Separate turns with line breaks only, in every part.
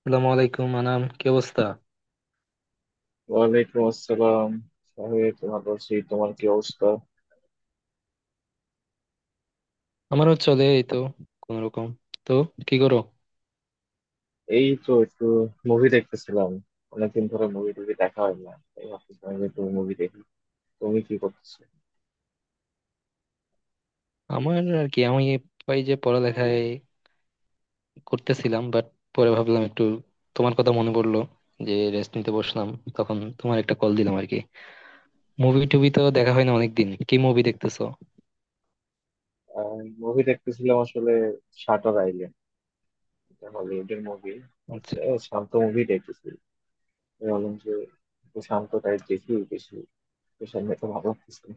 আসসালামু আলাইকুম, আনাম কি অবস্থা?
ওয়ালাইকুম আসসালাম। সাহেব তোমার বলছি, তোমার কি অবস্থা?
আমারও চলে এই তো, কোন রকম। তো কি করো?
এই তো একটু মুভি দেখতেছিলাম। অনেকদিন ধরে মুভি টুভি দেখা হয় না, তাই ভাবতেছিলাম যে একটু মুভি দেখি। তুমি কি করতেছো?
আমার আর কি, আমি এই যে পড়ালেখায় করতেছিলাম, বাট পরে ভাবলাম একটু তোমার কথা মনে পড়লো, যে রেস্ট নিতে বসলাম, তখন তোমার একটা কল দিলাম আর কি। মুভি টুভি তো দেখা হয় না অনেকদিন, কি মুভি দেখতেছো?
মুভি দেখতেছিলাম আসলে, শাটার আইল্যান্ড। এটা হলিউডের মুভি।
আচ্ছা।
শান্ত মুভি দেখতেছি। আমি বললাম যে একটু শান্ত টাইপ দেখি বেশি। তো সামনে তো ভালো লাগতেছে না।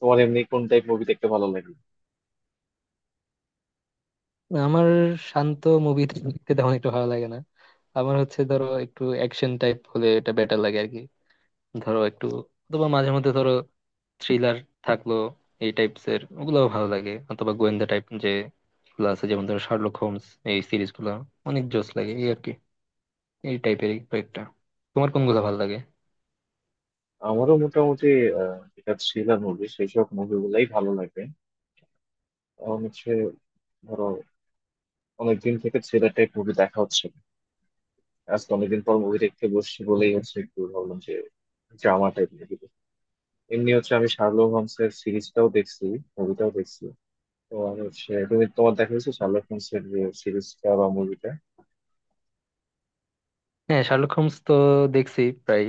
তোমার এমনি কোন টাইপ মুভি দেখতে ভালো লাগে?
আমার শান্ত মুভি দেখতে তেমন একটু ভালো লাগে না। আমার হচ্ছে ধরো একটু অ্যাকশন টাইপ হলে এটা বেটার লাগে আর কি। ধরো একটু অথবা মাঝে মধ্যে ধরো থ্রিলার থাকলো, এই টাইপস এর ওগুলোও ভালো লাগে, অথবা গোয়েন্দা টাইপ যে গুলো আছে যেমন ধরো শার্লক হোমস, এই সিরিজ গুলো অনেক জোস লাগে এই আর কি, এই টাইপের কয়েকটা। তোমার কোনগুলো ভালো লাগে?
আমারও মোটামুটি যেটা থ্রিলার মুভি, সেই সব মুভিগুলাই ভালো লাগে। আমার হচ্ছে, ধরো, অনেকদিন থেকে থ্রিলারটাই মুভি দেখা হচ্ছে না। আজকে অনেকদিন পর মুভি দেখতে বসছি
হুম,
বলেই
হুম।
হচ্ছে একটু ভাবলাম যে ড্রামা টাইপ মুভি। এমনি হচ্ছে আমি শার্লক হোমস এর সিরিজটাও দেখছি, মুভিটাও দেখছি। তো আমি হচ্ছে, তুমি তোমার দেখা হয়েছে শার্লক হোমস এর যে সিরিজটা বা মুভিটা?
হ্যাঁ, শার্লক হোমস তো দেখছি প্রায়।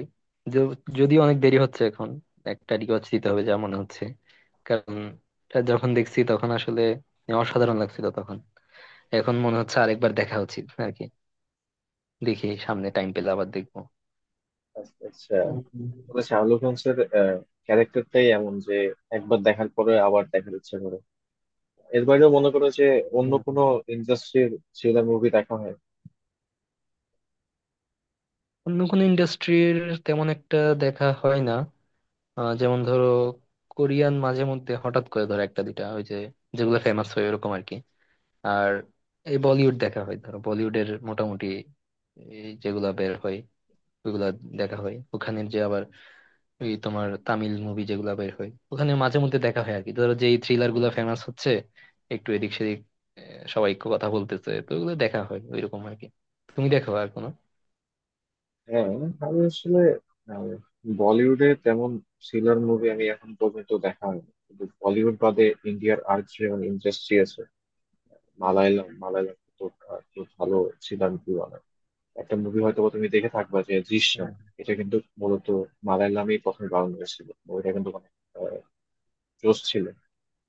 যদিও অনেক দেরি হচ্ছে এখন, একটা রিওয়াচ দিতে হবে যা মনে হচ্ছে। কারণ এটা যখন দেখছি তখন আসলে অসাধারণ লাগছিল তখন, এখন মনে হচ্ছে আরেকবার দেখা উচিত আর কি। দেখি সামনে টাইম পেলে আবার দেখবো।
আচ্ছা।
হুম,
তাহলে শার্লক হোমস এর ক্যারেক্টারটাই এমন যে একবার দেখার পরে আবার দেখার ইচ্ছা করে। এর বাইরেও মনে করো যে অন্য
হুম।
কোনো ইন্ডাস্ট্রির থ্রিলার মুভি দেখা হয়?
অন্য কোনো ইন্ডাস্ট্রির তেমন একটা দেখা হয় না। যেমন ধরো কোরিয়ান মাঝে মধ্যে হঠাৎ করে ধরো একটা দুইটা ওই যে, যেগুলো ফেমাস হয় ওরকম আর কি। আর এই বলিউড দেখা হয় ধরো, বলিউডের মোটামুটি এই যেগুলা বের হয় ওইগুলা দেখা হয়। ওখানের যে আবার ওই তোমার তামিল মুভি যেগুলা বের হয় ওখানে মাঝে মধ্যে দেখা হয় আর কি, ধরো যেই থ্রিলার গুলা ফেমাস হচ্ছে একটু এদিক সেদিক, সবাই কথা বলতেছে তো ওগুলো দেখা হয় ওইরকম আর কি। তুমি দেখো আর কোনো?
হ্যাঁ, আমি আসলে, আহ, বলিউডে তেমন থ্রিলার মুভি আমি এখন পর্যন্ত দেখা হয়নি। কিন্তু বলিউড বাদে ইন্ডিয়ার আর যেমন ইন্ডাস্ট্রি আছে, মালায়ালাম। মালায়ালাম তো খুব ভালো থ্রিলার মুভি বানায়। একটা মুভি হয়তো বা তুমি দেখে থাকবা, যে
হুম।
দৃশ্যম। এটা কিন্তু মূলত মালায়ালামেই প্রথমে বানানো হয়েছিল মুভিটা, কিন্তু অনেক জোশ ছিল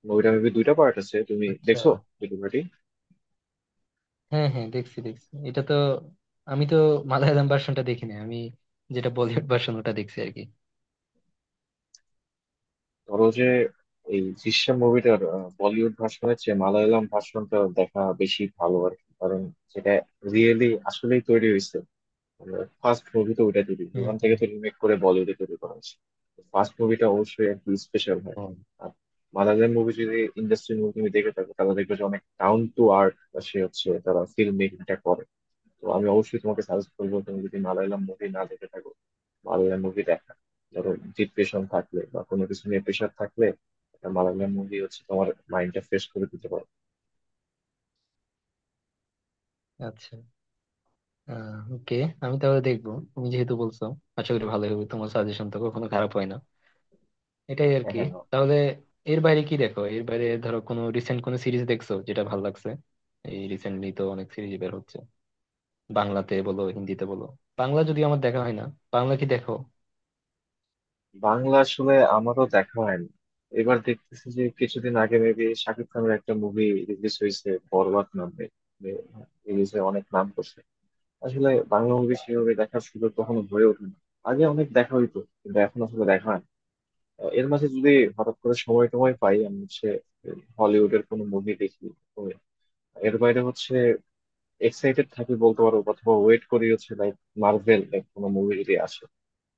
মুভিটা। মেবি দুইটা পার্ট আছে, তুমি
আচ্ছা।
দেখছো? দুটো পার্টি।
হ্যাঁ হ্যাঁ, দেখছি দেখছি, এটা তো আমি তো মালায়ালাম ভার্সনটা দেখি না আমি, যেটা বলিউড ভার্সন ওটা দেখছি আর কি।
ধরো যে এই দৃশ্যম মুভিটার বলিউড ভার্সনের চেয়ে মালায়ালাম ভার্সনটা দেখা বেশি ভালো আর কি, কারণ সেটা রিয়েলি আসলেই তৈরি হয়েছে। ফার্স্ট মুভি তো ওইটা তৈরি,
হুম
ওখান থেকে
হুম।
তো রিমেক করে বলিউডে তৈরি করা হয়েছে। ফার্স্ট মুভিটা অবশ্যই আর কি স্পেশাল হয়।
হুম।
আর মালায়ালাম মুভি, যদি ইন্ডাস্ট্রি মুভি তুমি দেখে থাকো, তাহলে দেখবে যে অনেক ডাউন টু আর্থ, সে হচ্ছে তারা ফিল্ম মেকিংটা করে। তো আমি অবশ্যই তোমাকে সাজেস্ট করবো, তুমি যদি মালায়ালাম মুভি না দেখে থাকো, মালায়ালাম মুভি দেখা, ধরো ডিপ্রেশন থাকলে বা কোনো কিছু নিয়ে প্রেশার থাকলে, একটা মালায়ালাম মুভি হচ্ছে তোমার মাইন্ডটা ফ্রেশ করে দিতে পারে।
আচ্ছা। আহ, ওকে। আমি তাহলে দেখবো তুমি যেহেতু বলছো। আশা করি ভালো হবে, তোমার সাজেশন তো কখনো খারাপ হয় না, এটাই আর
হ্যাঁ,
কি।
হ্যাঁ, হ্যাঁ।
তাহলে এর বাইরে কি দেখো? এর বাইরে ধরো কোনো রিসেন্ট কোনো সিরিজ দেখছো যেটা ভালো লাগছে? এই রিসেন্টলি তো অনেক সিরিজ বের হচ্ছে, বাংলাতে বলো হিন্দিতে বলো। বাংলা যদি আমার দেখা হয় না, বাংলা কি দেখো?
বাংলা আসলে আমারও দেখা হয়নি। এবার দেখতেছি যে কিছুদিন আগে মেবি শাকিব খানের একটা মুভি রিলিজ হয়েছে বরবাদ নামে, রিলিজে অনেক নাম করছে। আসলে বাংলা মুভি সেভাবে দেখার সুযোগ কখনো হয়ে ওঠে না। আগে অনেক দেখা হইতো, কিন্তু এখন আসলে দেখা হয় না। এর মাঝে যদি হঠাৎ করে সময় টময় পাই, আমি হচ্ছে হলিউডের কোনো মুভি দেখি। তো এর বাইরে হচ্ছে, এক্সাইটেড থাকি বলতে পারো, অথবা ওয়েট করি হচ্ছে লাইক মার্ভেল এর কোনো মুভি যদি আসে।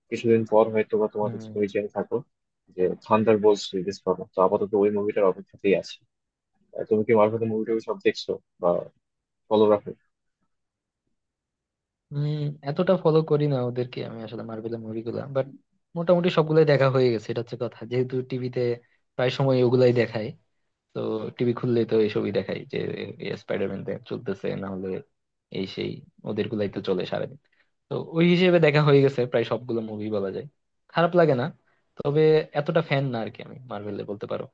কিছুদিন পর হয়তো বা তোমার হচ্ছে পরিচয় থাকো, যে থান্ডার বোল্টস রিলিজ পাবো, তো আপাতত ওই মুভিটার অপেক্ষাতেই আছি। তুমি কি মার্ভেলের মুভিটাকে সব দেখছো বা ফলো রাখো?
উম এতটা ফলো করি না ওদেরকে আমি আসলে, মার্বেলের মুভিগুলা বাট মোটামুটি সবগুলাই দেখা হয়ে গেছে। এটা হচ্ছে কথা, যেহেতু টিভিতে প্রায় সময় ওগুলাই দেখায়। তো টিভি খুললেই তো এইসবই দেখায় যে স্পাইডারম্যান চলতেছে, না হলে এই সেই, ওদের গুলাই তো চলে সারাদিন। তো ওই হিসেবে দেখা হয়ে গেছে প্রায় সবগুলো মুভি বলা যায়। খারাপ লাগে না, তবে এতটা ফ্যান না আর কি আমি মার্ভেলে বলতে পারো।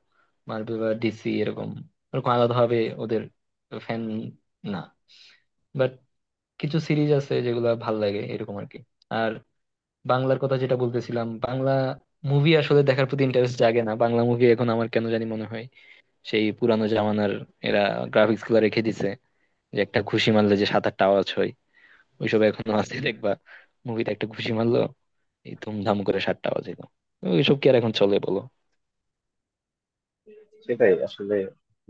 মার্ভেল বা ডিসি এরকম, এরকম আলাদা ভাবে ওদের ফ্যান না। কিছু সিরিজ আছে যেগুলা ভাল লাগে এরকম আর কি। আর বাংলার কথা যেটা বলতেছিলাম, বাংলা মুভি আসলে দেখার প্রতি ইন্টারেস্ট জাগে না। বাংলা মুভি এখন আমার কেন জানি মনে হয় সেই পুরানো জামানার এরা গ্রাফিক্স গুলা রেখে দিছে, যে একটা ঘুষি মারলে যে সাত আটটা আওয়াজ হয়, ওইসব এখনো আছে দেখবা। মুভিতে একটা ঘুষি মারলো, এই ধুমধাম করে সাতটা আওয়াজ এলো, ওইসব কি আর এখন চলে বলো।
সেটাই আসলে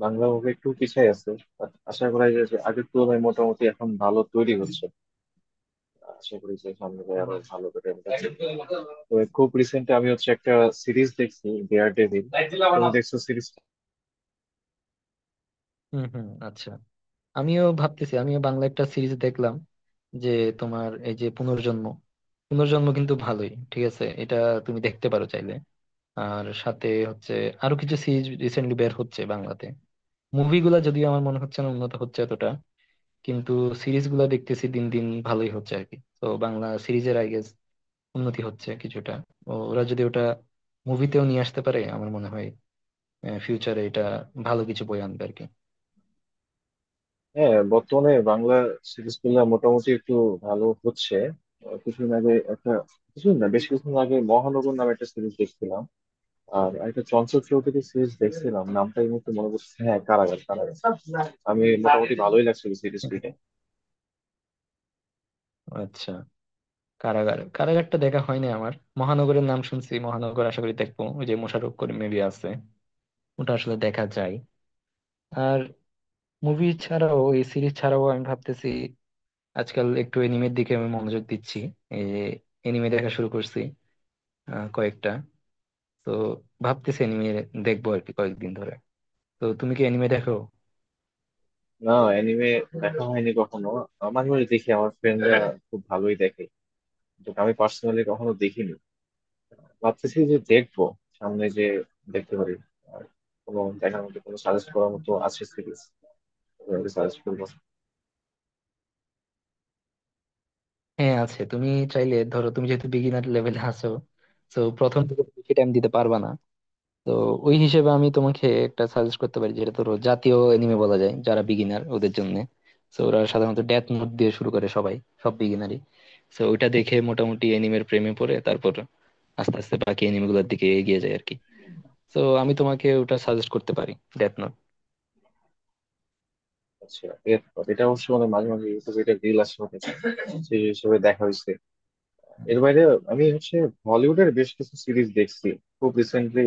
বাংলা মুভি একটু পিছায় আছে। বাট আশা করা যায় যে আগের তুলনায় মোটামুটি এখন ভালো তৈরি হচ্ছে। আশা করি যে সামনে গিয়ে আরো ভালো করে আমরা দেখবো। তবে খুব রিসেন্ট আমি হচ্ছে একটা সিরিজ দেখছি, ডেয়ার ডেভিল। তুমি দেখছো সিরিজ?
হম হম, আচ্ছা। আমিও ভাবতেছি, আমিও বাংলা একটা সিরিজ দেখলাম, যে তোমার এই যে পুনর্জন্ম। পুনর্জন্ম কিন্তু ভালোই, ঠিক আছে এটা, তুমি দেখতে পারো চাইলে। আর সাথে হচ্ছে আরো কিছু সিরিজ রিসেন্টলি বের হচ্ছে বাংলাতে। মুভিগুলা যদিও আমার মনে হচ্ছে না উন্নত হচ্ছে এতটা, কিন্তু সিরিজ গুলা দেখতেছি দিন দিন ভালোই হচ্ছে আর কি। তো বাংলা সিরিজের আই গেস উন্নতি হচ্ছে কিছুটা। ওরা যদি ওটা মুভিতেও নিয়ে আসতে পারে, আমার মনে হয় ফিউচারে এটা ভালো কিছু বই আনবে আর কি।
হ্যাঁ, বর্তমানে বাংলা সিরিজ গুলা মোটামুটি একটু ভালো হচ্ছে। কিছুদিন আগে একটা, কিছুদিন না, বেশ কিছুদিন আগে মহানগর নামে একটা সিরিজ দেখছিলাম। আর একটা চঞ্চল চৌধুরী সিরিজ দেখছিলাম, নামটা এই মুহূর্তে মনে পড়ছে, হ্যাঁ, কারাগার। কারাগার আমি মোটামুটি ভালোই লাগছিল সিরিজ দুইটা।
আচ্ছা। কারাগার কারাগারটা দেখা হয়নি আমার। মহানগরের নাম শুনছি, মহানগর আশা করি দেখবো, ওই যে মোশাররফ করিম মুভি আছে, ওটা আসলে দেখা যায়। আর মুভি ছাড়াও এই সিরিজ ছাড়াও আমি ভাবতেছি আজকাল একটু এনিমের দিকে আমি মনোযোগ দিচ্ছি, এই যে এনিমে দেখা শুরু করছি কয়েকটা। তো ভাবতেছি এনিমে দেখবো আর কি কয়েকদিন ধরে। তো তুমি কি এনিমে দেখো?
না, অ্যানিমে দেখা হয়নি কখনো। মাঝে মাঝে দেখি আমার ফ্রেন্ডরা খুব ভালোই দেখে, যেটা আমি পার্সোনালি কখনো দেখিনি। ভাবতেছি যে দেখবো সামনে, যে দেখতে পারি। আর কোনো দেখার মতো, কোনো সাজেস্ট করার মতো আছে সিরিজ, সাজেস্ট করবো।
হ্যাঁ আছে। তুমি চাইলে ধরো, তুমি যেহেতু বিগিনার লেভেলে আছো, তো প্রথম থেকে বেশি টাইম দিতে পারবা না, তো ওই হিসেবে আমি তোমাকে একটা সাজেস্ট করতে পারি যেটা ধরো জাতীয় এনিমে বলা যায় যারা বিগিনার ওদের জন্য। তো ওরা সাধারণত ডেথ নোট দিয়ে শুরু করে সবাই, সব বিগিনারই। তো ওইটা দেখে মোটামুটি এনিমের প্রেমে পড়ে, তারপর আস্তে আস্তে বাকি এনিমে গুলোর দিকে এগিয়ে যায় আর কি। তো আমি তোমাকে ওটা সাজেস্ট করতে পারি, ডেথ নোট।
আচ্ছা, এর- এটা অবশ্য মানে মাঝে মাঝে ইউটিউবে এটা রিল আসে অনেক। সেই হিসেবে দেখা হয়েছে।
হুম,
এর বাইরে আমি হচ্ছে হলিউডের বেশ কিছু সিরিজ দেখছি খুব রিসেন্টলি।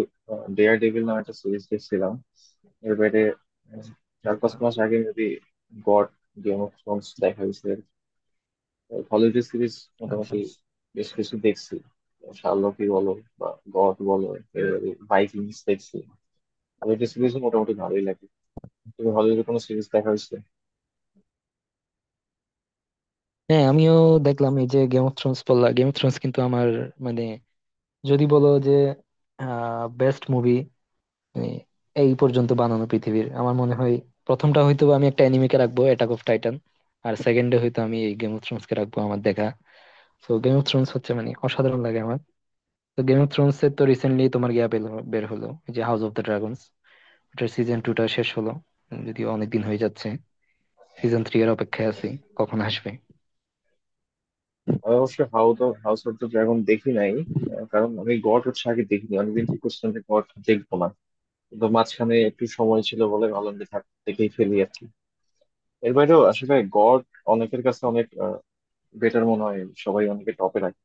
ডেয়ার ডেভিল নামে একটা সিরিজ দেখছিলাম। এর বাইরে উম, চার
আচ্ছা
পাঁচ মাস আগে maybe god, Game of Thrones দেখা হয়েছে। হলিউডের সিরিজ
আচ্ছা।
মোটামুটি বেশ কিছু দেখছি। শার্লকই বলো বা গড বলো, ভাইকিংস দেখছি। হলিউডের সিরিজ মোটামুটি ভালোই লাগে। তুমি হলিউডের কোনো সিরিজ দেখা হয়েছে?
হ্যাঁ, আমিও দেখলাম এই যে গেম অফ থ্রোনস বললা, গেম অফ থ্রোনস কিন্তু আমার, মানে যদি বলো যে বেস্ট মুভি, মানে এই পর্যন্ত বানানো পৃথিবীর, আমার মনে হয় প্রথমটা হয়তো আমি একটা অ্যানিমেকে রাখবো, অ্যাটাক অফ টাইটান। আর সেকেন্ডে হয়তো আমি এই গেম অফ থ্রোনস কে রাখবো আমার দেখা। তো গেম অফ থ্রোনস হচ্ছে মানে অসাধারণ লাগে আমার। তো গেম অফ থ্রোনস এর তো রিসেন্টলি তোমার গিয়া বের হলো ওই যে হাউস অফ দ্য ড্রাগনস, ওটার সিজন টু টা শেষ হলো। যদিও অনেকদিন হয়ে যাচ্ছে, সিজন থ্রি এর অপেক্ষায় আছি কখন আসবে।
আমি অবশ্য হাউস অফ দ্য ড্রাগন দেখি নাই। কারণ আমি গড হচ্ছে আগে দেখিনি, অনেকদিন ঠিক করছিলাম যে গড দেখবো না। কিন্তু মাঝখানে একটু সময় ছিল বলে ভাবলাম যে থাক, দেখেই ফেলি আর কি। এর বাইরেও আসলে গড অনেকের কাছে অনেক বেটার মনে হয়, সবাই অনেকে টপে রাখে।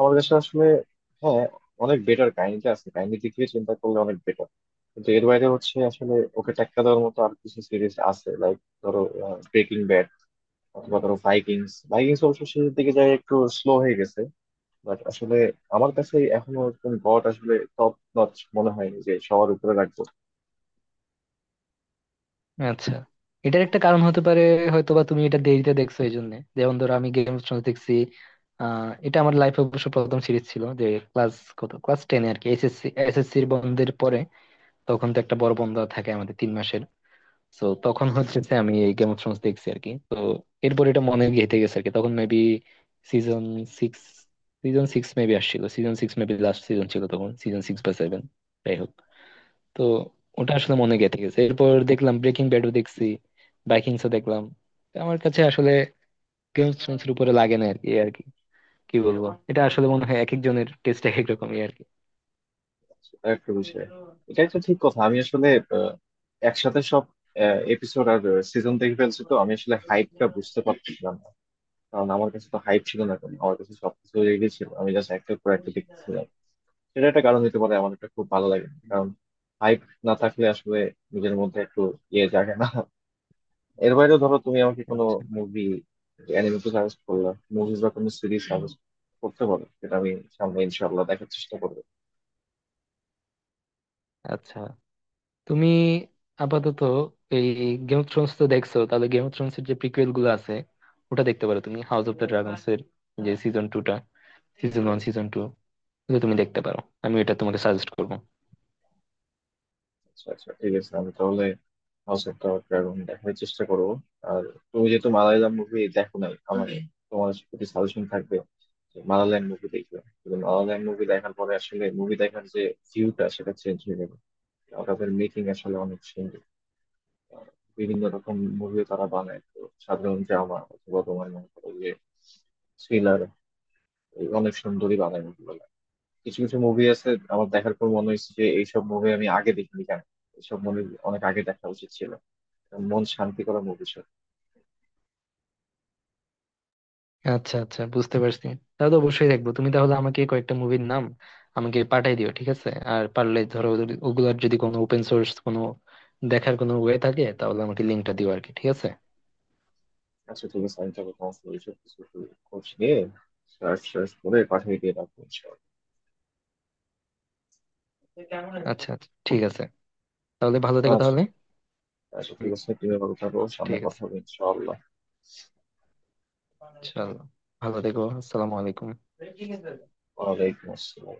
আমার কাছে আসলে, হ্যাঁ, অনেক বেটার কাহিনীটা আছে, কাহিনীর দিক থেকে চিন্তা করলে অনেক বেটার। কিন্তু এর বাইরে হচ্ছে আসলে ওকে টেক্কা দেওয়ার মতো আর কিছু সিরিজ আছে, লাইক ধরো ব্রেকিং ব্যাড, অথবা ধরো ভাইকিংস। ভাইকিংস অবশ্য শেষের দিকে যায় একটু স্লো হয়ে গেছে। বাট আসলে আমার কাছে এখনো একদম গড আসলে টপ নচ মনে হয় যে সবার উপরে রাখবো।
আচ্ছা। এটার একটা কারণ হতে পারে হয়তো বা তুমি এটা দেরিতে দেখছো এই জন্য। যেমন ধরো আমি গেম অফ থ্রোনস দেখছি, এটা আমার লাইফে অবশ্য প্রথম সিরিজ ছিল যে ক্লাস, কত ক্লাস টেনে আর কি, এসএসসি এসএসসির বন্ধের পরে। তখন তো একটা বড় বন্ধ থাকে আমাদের 3 মাসের। তো তখন হচ্ছে যে আমি এই গেম অফ থ্রোনস দেখছি আর কি। তো এরপর এটা মনে গেঁথে গেছে আর কি, তখন maybe season six, season six maybe আসছিল, season six maybe last season ছিল তখন, সিজন সিক্স বা সেভেন। তো ওটা আসলে মনে গেঁথে গেছে। এরপর দেখলাম ব্রেকিং ব্যাডও দেখছি, ভাইকিংসও দেখলাম। তো আমার কাছে আসলে গেম অফ থ্রোনস এর উপরে লাগে না আর কি। কি বলবো, এটা আসলে মনে হয় এক একজনের টেস্ট এক এক রকমই আর কি।
সেটা একটা বিষয়, এটা একটা ঠিক কথা। আমি আসলে আহ, একসাথে সব এপিসোড আর সিজন দেখে ফেলছি, তো আমি আসলে হাইপটা বুঝতে পারছিলাম। কারণ আমার কাছে তো হাইপ ছিল না কোনো, আমার কাছে সবকিছু রেডি ছিল, আমি জাস্ট একটার পর একটা দেখতেছিলাম। সেটা একটা কারণ হতে পারে আমার এটা খুব ভালো লাগে, কারণ হাইপ না থাকলে আসলে নিজের মধ্যে একটু ইয়ে জাগে না। এর বাইরেও ধরো তুমি আমাকে কোনো
আচ্ছা
মুভি, অ্যানিমে তো সাজেস্ট করলা, মুভিজ বা কোনো সিরিজ সাজেস্ট করতে পারো, সেটা আমি সামনে ইনশাআল্লাহ দেখার চেষ্টা করবো।
আচ্ছা। তুমি আপাতত এই গেম অফ থ্রোনস তো দেখছো, তাহলে গেম অফ থ্রোনস এর যে প্রিকুয়েল গুলো আছে, ওটা দেখতে পারো তুমি, হাউস অফ দ্য ড্রাগনস এর যে সিজন টু টা, সিজন ওয়ান সিজন টু, এগুলো তুমি দেখতে পারো। আমি এটা তোমাকে সাজেস্ট করবো।
আচ্ছা, আচ্ছা, ঠিক আছে, আমি তাহলে হাউস অফ দ্য ড্রাগন দেখার চেষ্টা করবো। আর তুমি যেহেতু মালায়ালাম মুভি দেখো নাই, আমার, হুম, তোমার প্রতি সাজেশন থাকবে যে মালায়ালাম মুভি দেখবে। কিন্তু মালায়ালাম মুভি দেখার পরে আসলে মুভি দেখার যে ভিউটা, সেটা চেঞ্জ হয়ে যাবে। ওদের মেকিং আসলে অনেক সুন্দর। আহ, বিভিন্ন রকম মুভিও তারা বানায়, তো সাধারণ ড্রামা অথবা তোমার মনে করো যে থ্রিলার, অনেক সুন্দরই বানায় মুভিগুলো। কিছু কিছু মুভি আছে, আমার দেখার পর মনে হয়েছে যে এইসব মুভি আমি আগে দেখিনি কেন, এইসব মুভি অনেক আগে দেখা উচিত ছিল। মন শান্তি করা মুভি ছিল।
আচ্ছা আচ্ছা বুঝতে পারছি। তাহলে তো অবশ্যই দেখবো। তুমি তাহলে আমাকে কয়েকটা মুভির নাম আমাকে পাঠাই দিও, ঠিক আছে? আর পারলে ধরো ওগুলার যদি কোনো ওপেন সোর্স কোনো দেখার কোনো ওয়ে থাকে, তাহলে আমাকে লিঙ্কটা দিও আর কি, ঠিক আছে?
আচ্ছা, ঠিক আছে, আমি তাহলে তোমাকে এইসব কিছু খোঁজ নিয়ে, সার্চ সার্চ করে পাঠিয়ে দিয়ে রাখবো ইনশাআল্লাহ।
আচ্ছা আচ্ছা ঠিক আছে, তাহলে ভালো থেকো
আচ্ছা,
তাহলে।
আচ্ছা, ঠিক আছে, তুমি ভালো থাকো, সামনে
ঠিক
কথা
আছে,
হবে ইনশাআল্লাহ।
চলো, ভালো থেকো, আসসালামু আলাইকুম।
ওয়ালাইকুম আসসালাম।